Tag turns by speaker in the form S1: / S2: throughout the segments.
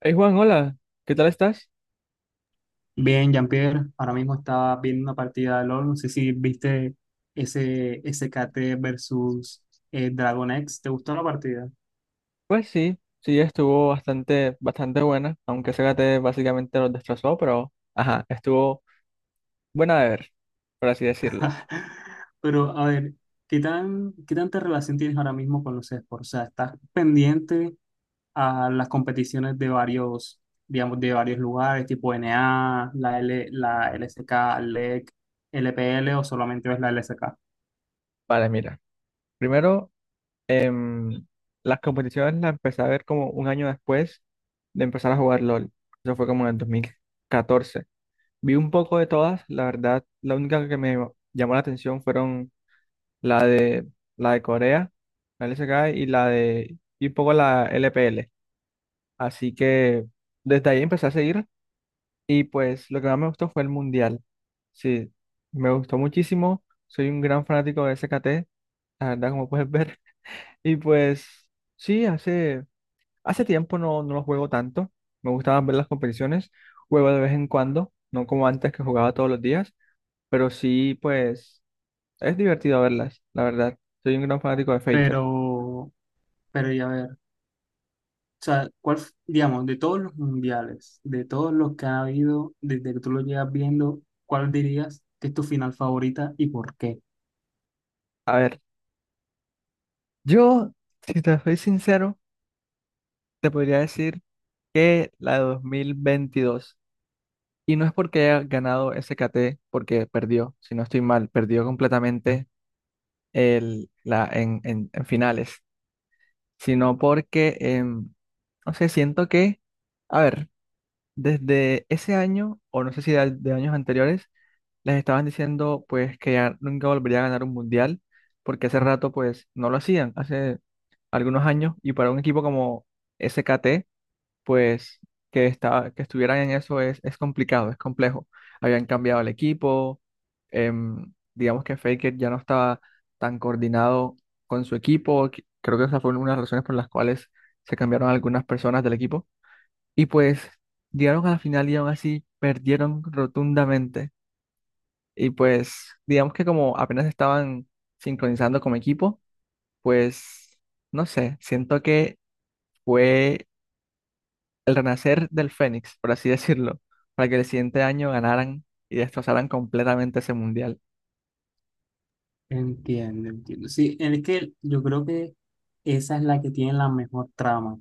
S1: Hey Juan, hola, ¿qué tal estás?
S2: Bien, Jean-Pierre, ahora mismo estaba viendo una partida de LoL, no sé si viste ese SKT versus Dragon X. ¿Te gustó la partida?
S1: Pues sí, sí, estuvo bastante, bastante buena, aunque Zárate básicamente nos destrozó, pero ajá, estuvo buena de ver, por así decirlo.
S2: Pero a ver, qué tanta relación tienes ahora mismo con los esports? O sea, ¿estás pendiente a las competiciones de varios, digamos, de varios lugares, tipo NA, la LSK, LEC, LPL, o solamente ves la LSK?
S1: Vale, mira, primero, em, las competiciones las empecé a ver como un año después de empezar a jugar LOL. Eso fue como en el 2014. Vi un poco de todas, la verdad, la única que me llamó la atención fueron la de, la de Corea, la LSK y la de, y un poco la LPL. Así que desde ahí empecé a seguir y pues lo que más me gustó fue el mundial. Sí, me gustó muchísimo. Soy un gran fanático de SKT, la verdad, como puedes ver. Y pues sí, hace, hace tiempo no, no lo juego tanto. Me gustaban ver las competiciones. Juego de vez en cuando, no como antes que jugaba todos los días, pero sí, pues es divertido verlas, la verdad. Soy un gran fanático de Faker.
S2: Pero, pero ya ver. O sea, digamos, de todos los mundiales, de todos los que ha habido, desde que tú lo llevas viendo, ¿cuál dirías que es tu final favorita y por qué?
S1: A ver, yo, si te soy sincero, te podría decir que la de 2022. Y no es porque haya ganado SKT, porque perdió, si no estoy mal, perdió completamente el, la, en, en finales, sino porque, no sé, siento que, a ver, desde ese año, o no sé si de, de años anteriores, les estaban diciendo pues que ya nunca volvería a ganar un mundial, porque hace rato pues no lo hacían, hace algunos años, y para un equipo como SKT, pues que, está que estuvieran en eso es complicado, es complejo. Habían cambiado el equipo, digamos que Faker ya no estaba tan coordinado con su equipo, creo que esa fue una de las razones por las cuales se cambiaron algunas personas del equipo. Y pues llegaron a la final y aún así perdieron rotundamente. Y pues digamos que como apenas estaban sincronizando como equipo, pues no sé, siento que fue el renacer del Fénix, por así decirlo, para que el siguiente año ganaran y destrozaran completamente ese mundial.
S2: Entiendo, entiendo. Sí, es que yo creo que esa es la que tiene la mejor trama.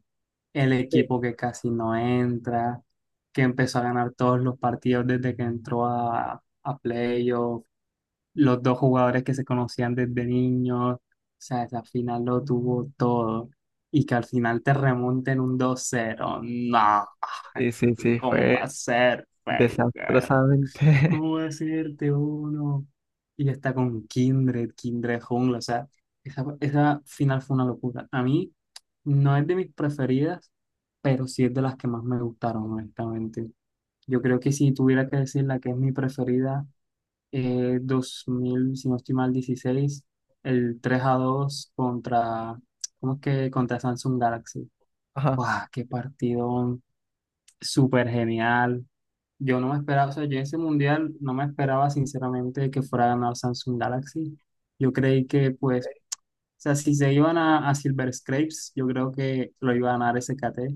S2: El
S1: Sí.
S2: equipo que casi no entra, que empezó a ganar todos los partidos desde que entró a playoff, los dos jugadores que se conocían desde niños, o sea, esa final lo tuvo todo. Y que al final te remonten un 2-0, no.
S1: Y sí, sí,
S2: ¿Cómo
S1: fue
S2: va a ser, Wenger?
S1: desastrosamente.
S2: ¿Cómo va a serte uno? Y está con Kindred, Kindred Jungle, o sea, esa final fue una locura. A mí no es de mis preferidas, pero sí es de las que más me gustaron, honestamente. Yo creo que si tuviera que decir la que es mi preferida, dos mil, si no estoy mal, 16, el 3-2 contra, ¿cómo es que? Contra Samsung Galaxy.
S1: Ajá,
S2: ¡Wow! ¡Qué partido súper genial! Yo no me esperaba, o sea, yo en ese mundial no me esperaba sinceramente que fuera a ganar Samsung Galaxy. Yo creí que, pues, o sea, si se iban a Silver Scrapes, yo creo que lo iba a ganar SKT,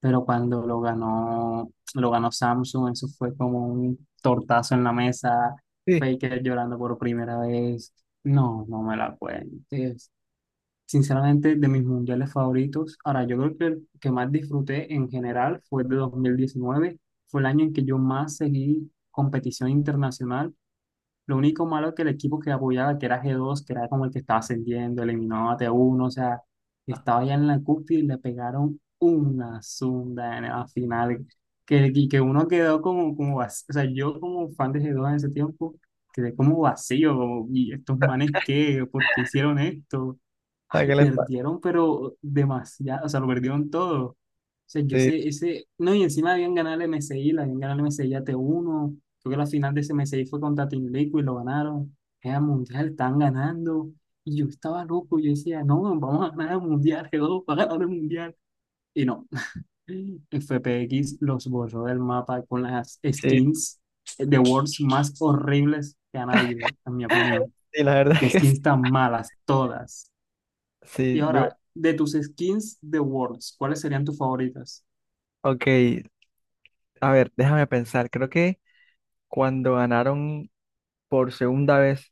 S2: pero cuando lo ganó Samsung. Eso fue como un tortazo en la mesa.
S1: sí.
S2: Faker llorando por primera vez. No, no me la cuentes. Sinceramente, de mis mundiales favoritos, ahora yo creo que el que más disfruté en general fue el de 2019. Fue el año en que yo más seguí competición internacional. Lo único malo es que el equipo que apoyaba, que era G2, que era como el que estaba ascendiendo, eliminó a T1, o sea,
S1: Ah,
S2: estaba ya en la cúspide y le pegaron una zunda en la final. Que, y que uno quedó como, vacío. O sea, yo como fan de G2 en ese tiempo, quedé como vacío, como, ¿y estos manes qué? ¿Por qué hicieron esto?
S1: ¿a
S2: Ay,
S1: qué les pasa?
S2: perdieron, pero demasiado, o sea, lo perdieron todo. O sea, yo
S1: Sí,
S2: ese, no, y encima habían ganado el MSI, la habían ganado el MSI a T1. Creo que la final de ese CM6 fue contra Team Liquid y lo ganaron. Era mundial, están ganando. Y yo estaba loco, yo decía, no, no, vamos a ganar el mundial, que va a ganar el mundial. Y no, FPX los borró del mapa con las
S1: sí,
S2: skins de Worlds más horribles que han habido, en mi opinión.
S1: sí, la verdad
S2: Qué
S1: es que sí.
S2: skins tan malas, todas. Y
S1: Sí, yo,
S2: ahora, de tus skins de Worlds, ¿cuáles serían tus favoritas?
S1: ok, a ver, déjame pensar. Creo que cuando ganaron por segunda vez,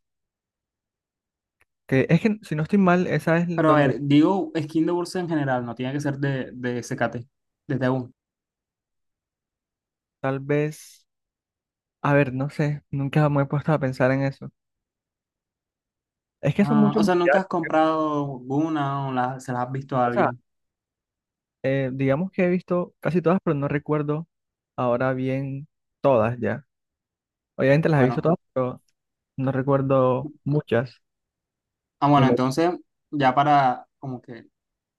S1: que es que si no estoy mal, esa es
S2: Pero a ver,
S1: donde
S2: digo skin de Worlds en general, no tiene que ser de SKT, desde uno.
S1: tal vez, a ver, no sé, nunca me he puesto a pensar en eso. Es que son
S2: Ah,
S1: muchos
S2: o sea, ¿nunca
S1: mundiales.
S2: has comprado una o se las has visto a
S1: O sea,
S2: alguien?
S1: Digamos que he visto casi todas, pero no recuerdo ahora bien todas ya. Obviamente las he visto
S2: Bueno,
S1: todas, pero no recuerdo muchas.
S2: ah,
S1: Ni
S2: bueno,
S1: mo-
S2: entonces, ya para como que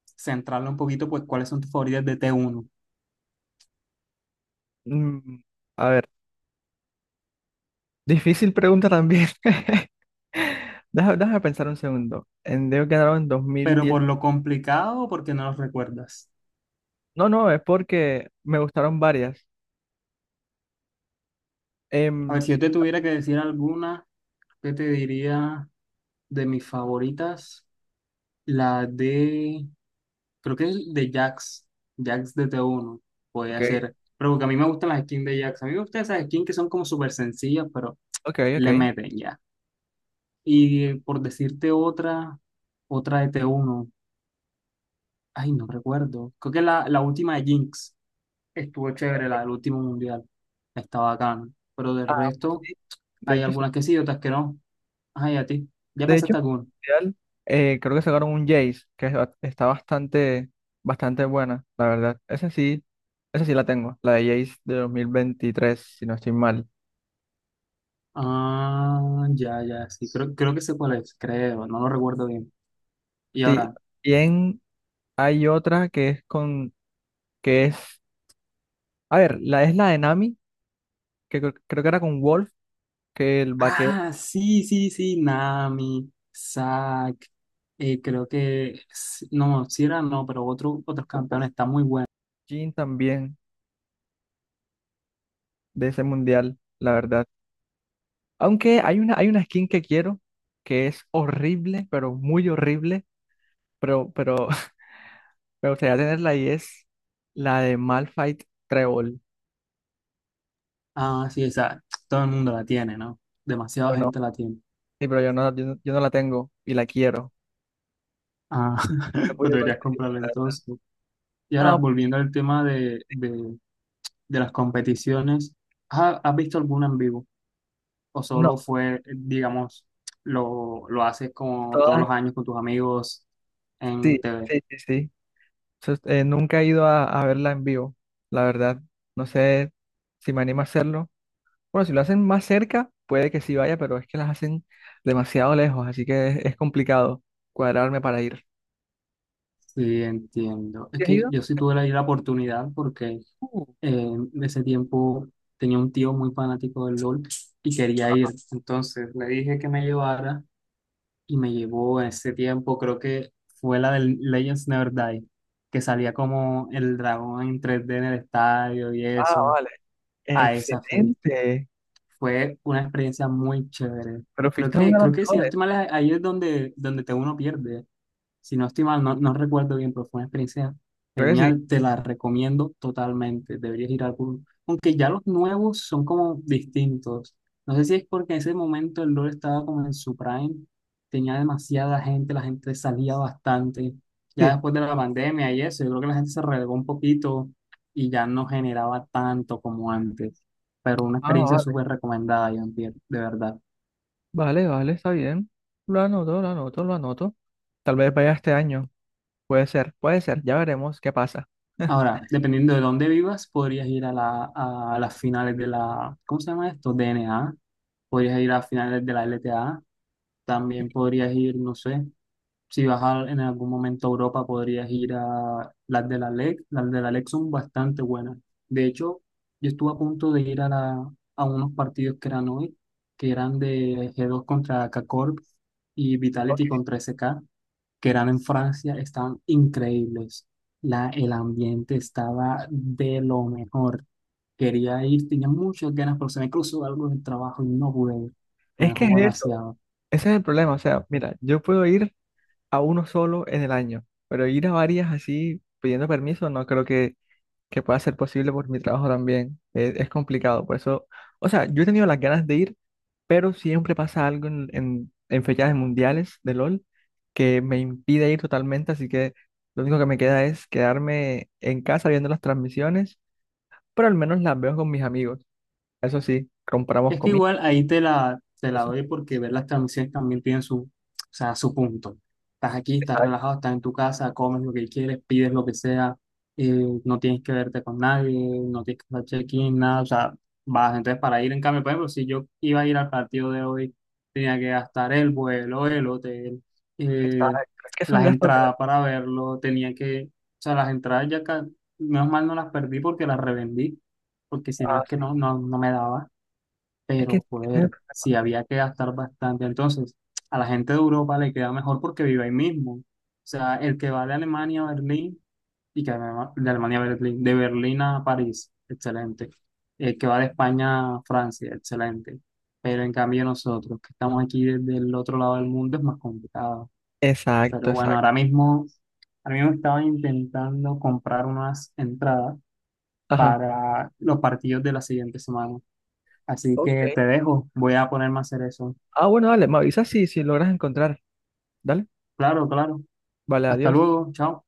S2: centrarlo un poquito, pues, ¿cuáles son tus favoritas de T1?
S1: Mm, a ver, difícil pregunta también. Déjame, pensar un segundo. En Deo quedaron en dos mil
S2: Pero
S1: diez
S2: por lo complicado, ¿o porque no los recuerdas?
S1: No, no, es porque me gustaron varias.
S2: A
S1: Em,
S2: ver, si yo te tuviera que decir alguna, ¿qué te diría de mis favoritas? La de, creo que es de Jax, Jax de T1, podría
S1: ok,
S2: ser. Pero porque a mí me gustan las skins de Jax. A mí me gustan esas skins que son como súper sencillas, pero
S1: ok, ok.
S2: le meten. Y por decirte otra, de T1, ay, no recuerdo. Creo que la última de Jinx estuvo chévere, la del último mundial. Está bacana. Pero del
S1: Ah, pues
S2: resto,
S1: sí. De
S2: hay
S1: hecho,
S2: algunas que sí, otras que no. Ay, a ti, ¿ya
S1: de hecho,
S2: pensaste alguna?
S1: real, creo que sacaron un Jace, que es está bastante, bastante buena, la verdad. Esa sí la tengo, la de Jace de 2023, si no estoy mal.
S2: Ah, ya, ya, sí. Creo, creo que sé cuál es, creo. No lo recuerdo bien. Y
S1: Sí,
S2: ahora.
S1: bien, hay otra que es con, que es, a ver, la es la de Nami, que creo que era con Wolf, que el vaquero.
S2: Ah, sí, sí, sí. Nami, Zack. Creo que, no, si no, pero otros campeones. Está muy bueno.
S1: Jin también de ese mundial, la verdad. Aunque hay una skin que quiero, que es horrible, pero muy horrible, pero me gustaría tenerla y es la de Malphite Trébol.
S2: Ah, sí, esa todo el mundo la tiene, ¿no? Demasiada
S1: Yo no,
S2: gente la tiene.
S1: sí, pero yo no, yo no, yo no la tengo y la quiero.
S2: Ah,
S1: No he
S2: pues
S1: podido
S2: deberías
S1: conseguir,
S2: comprarla
S1: la verdad.
S2: entonces. Y ahora,
S1: No,
S2: volviendo al tema de, de las competiciones, ¿has visto alguna en vivo? ¿O
S1: no,
S2: solo fue, digamos, lo haces como todos
S1: todas,
S2: los años con tus amigos en
S1: sí,
S2: TV?
S1: sí, sí, sí. Nunca he ido a verla en vivo, la verdad. No sé si me animo a hacerlo. Bueno, si lo hacen más cerca, puede que sí vaya, pero es que las hacen demasiado lejos, así que es complicado cuadrarme para ir.
S2: Sí, entiendo. Es
S1: ¿Sí has
S2: que
S1: ido?
S2: yo sí tuve la oportunidad porque,
S1: Uh,
S2: en ese tiempo tenía un tío muy fanático del LOL y quería ir. Entonces le dije que me llevara y me llevó. En ese tiempo, creo que fue la del Legends Never Die, que salía como el dragón en 3D en el estadio y
S1: ah,
S2: eso.
S1: vale.
S2: A esa fui.
S1: Excelente.
S2: Fue una experiencia muy chévere.
S1: Pero fuiste a una de
S2: Creo
S1: las
S2: que si no
S1: mejores.
S2: estoy mal, ahí es donde T1 pierde. Si no estoy mal, no, no recuerdo bien, pero fue una experiencia
S1: Creo que sí.
S2: genial. Te la recomiendo totalmente. Deberías ir a alguno. Aunque ya los nuevos son como distintos. No sé si es porque en ese momento el LoL estaba como en su prime. Tenía demasiada gente, la gente salía bastante. Ya
S1: Sí.
S2: después de la pandemia y eso, yo creo que la gente se relegó un poquito y ya no generaba tanto como antes. Pero una
S1: Ah,
S2: experiencia
S1: vale.
S2: súper recomendada, John Pierre, de verdad.
S1: Vale, vale, está bien. Lo anoto, lo anoto, lo anoto. Tal vez vaya este año. Puede ser, puede ser. Ya veremos qué pasa.
S2: Ahora, dependiendo de dónde vivas, podrías ir a, a las finales de la, ¿cómo se llama esto? DNA. Podrías ir a finales de la LTA.
S1: Y
S2: También podrías ir, no sé, si vas en algún momento a Europa, podrías ir a las de la LEC. Las de la LEC son bastante buenas. De hecho, yo estuve a punto de ir a, a unos partidos que eran hoy, que eran de G2 contra K-Corp y Vitality contra SK, que eran en Francia. Estaban increíbles. El ambiente estaba de lo mejor. Quería ir, tenía muchas ganas, pero se me cruzó algo en el trabajo y no pude ir. Me
S1: es que es
S2: dejó
S1: eso.
S2: demasiado.
S1: Ese es el problema. O sea, mira, yo puedo ir a uno solo en el año, pero ir a varias así pidiendo permiso no creo que pueda ser posible por mi trabajo también. Es complicado. Por eso, o sea, yo he tenido las ganas de ir, pero siempre pasa algo en fechas mundiales de LOL que me impide ir totalmente, así que lo único que me queda es quedarme en casa viendo las transmisiones, pero al menos las veo con mis amigos. Eso sí, compramos
S2: Es que
S1: comida.
S2: igual ahí te la,
S1: Eso,
S2: doy, porque ver las transmisiones también tienen su, o sea, su punto. Estás aquí, estás
S1: exacto,
S2: relajado, estás en tu casa, comes lo que quieres, pides lo que sea, no tienes que verte con nadie, no tienes que hacer check-in, nada, o sea, vas entonces para ir en cambio. Por ejemplo, si yo iba a ir al partido de hoy, tenía que gastar el vuelo, el hotel, eh,
S1: exacto. Es que son
S2: las
S1: gastos grandes.
S2: entradas para verlo, tenía que, o sea, las entradas ya, menos mal no las perdí porque las revendí, porque si no
S1: Ah,
S2: es que
S1: sí.
S2: no, no, no me daba.
S1: Es que…
S2: Pero, joder, sí había que gastar bastante. Entonces, a la gente de Europa le queda mejor porque vive ahí mismo. O sea, el que va de Alemania a Berlín, y que de Alemania a Berlín, de Berlín a París, excelente. El que va de España a Francia, excelente. Pero en cambio nosotros, que estamos aquí desde el otro lado del mundo, es más complicado. Pero
S1: Exacto,
S2: bueno,
S1: exacto.
S2: ahora mismo, estaba intentando comprar unas entradas
S1: Ajá.
S2: para los partidos de la siguiente semana. Así que
S1: Ok.
S2: te dejo, voy a ponerme a hacer eso.
S1: Ah, bueno, dale, me avisas si, si logras encontrar. Dale.
S2: Claro, claro.
S1: Vale,
S2: Hasta
S1: adiós.
S2: luego, chao.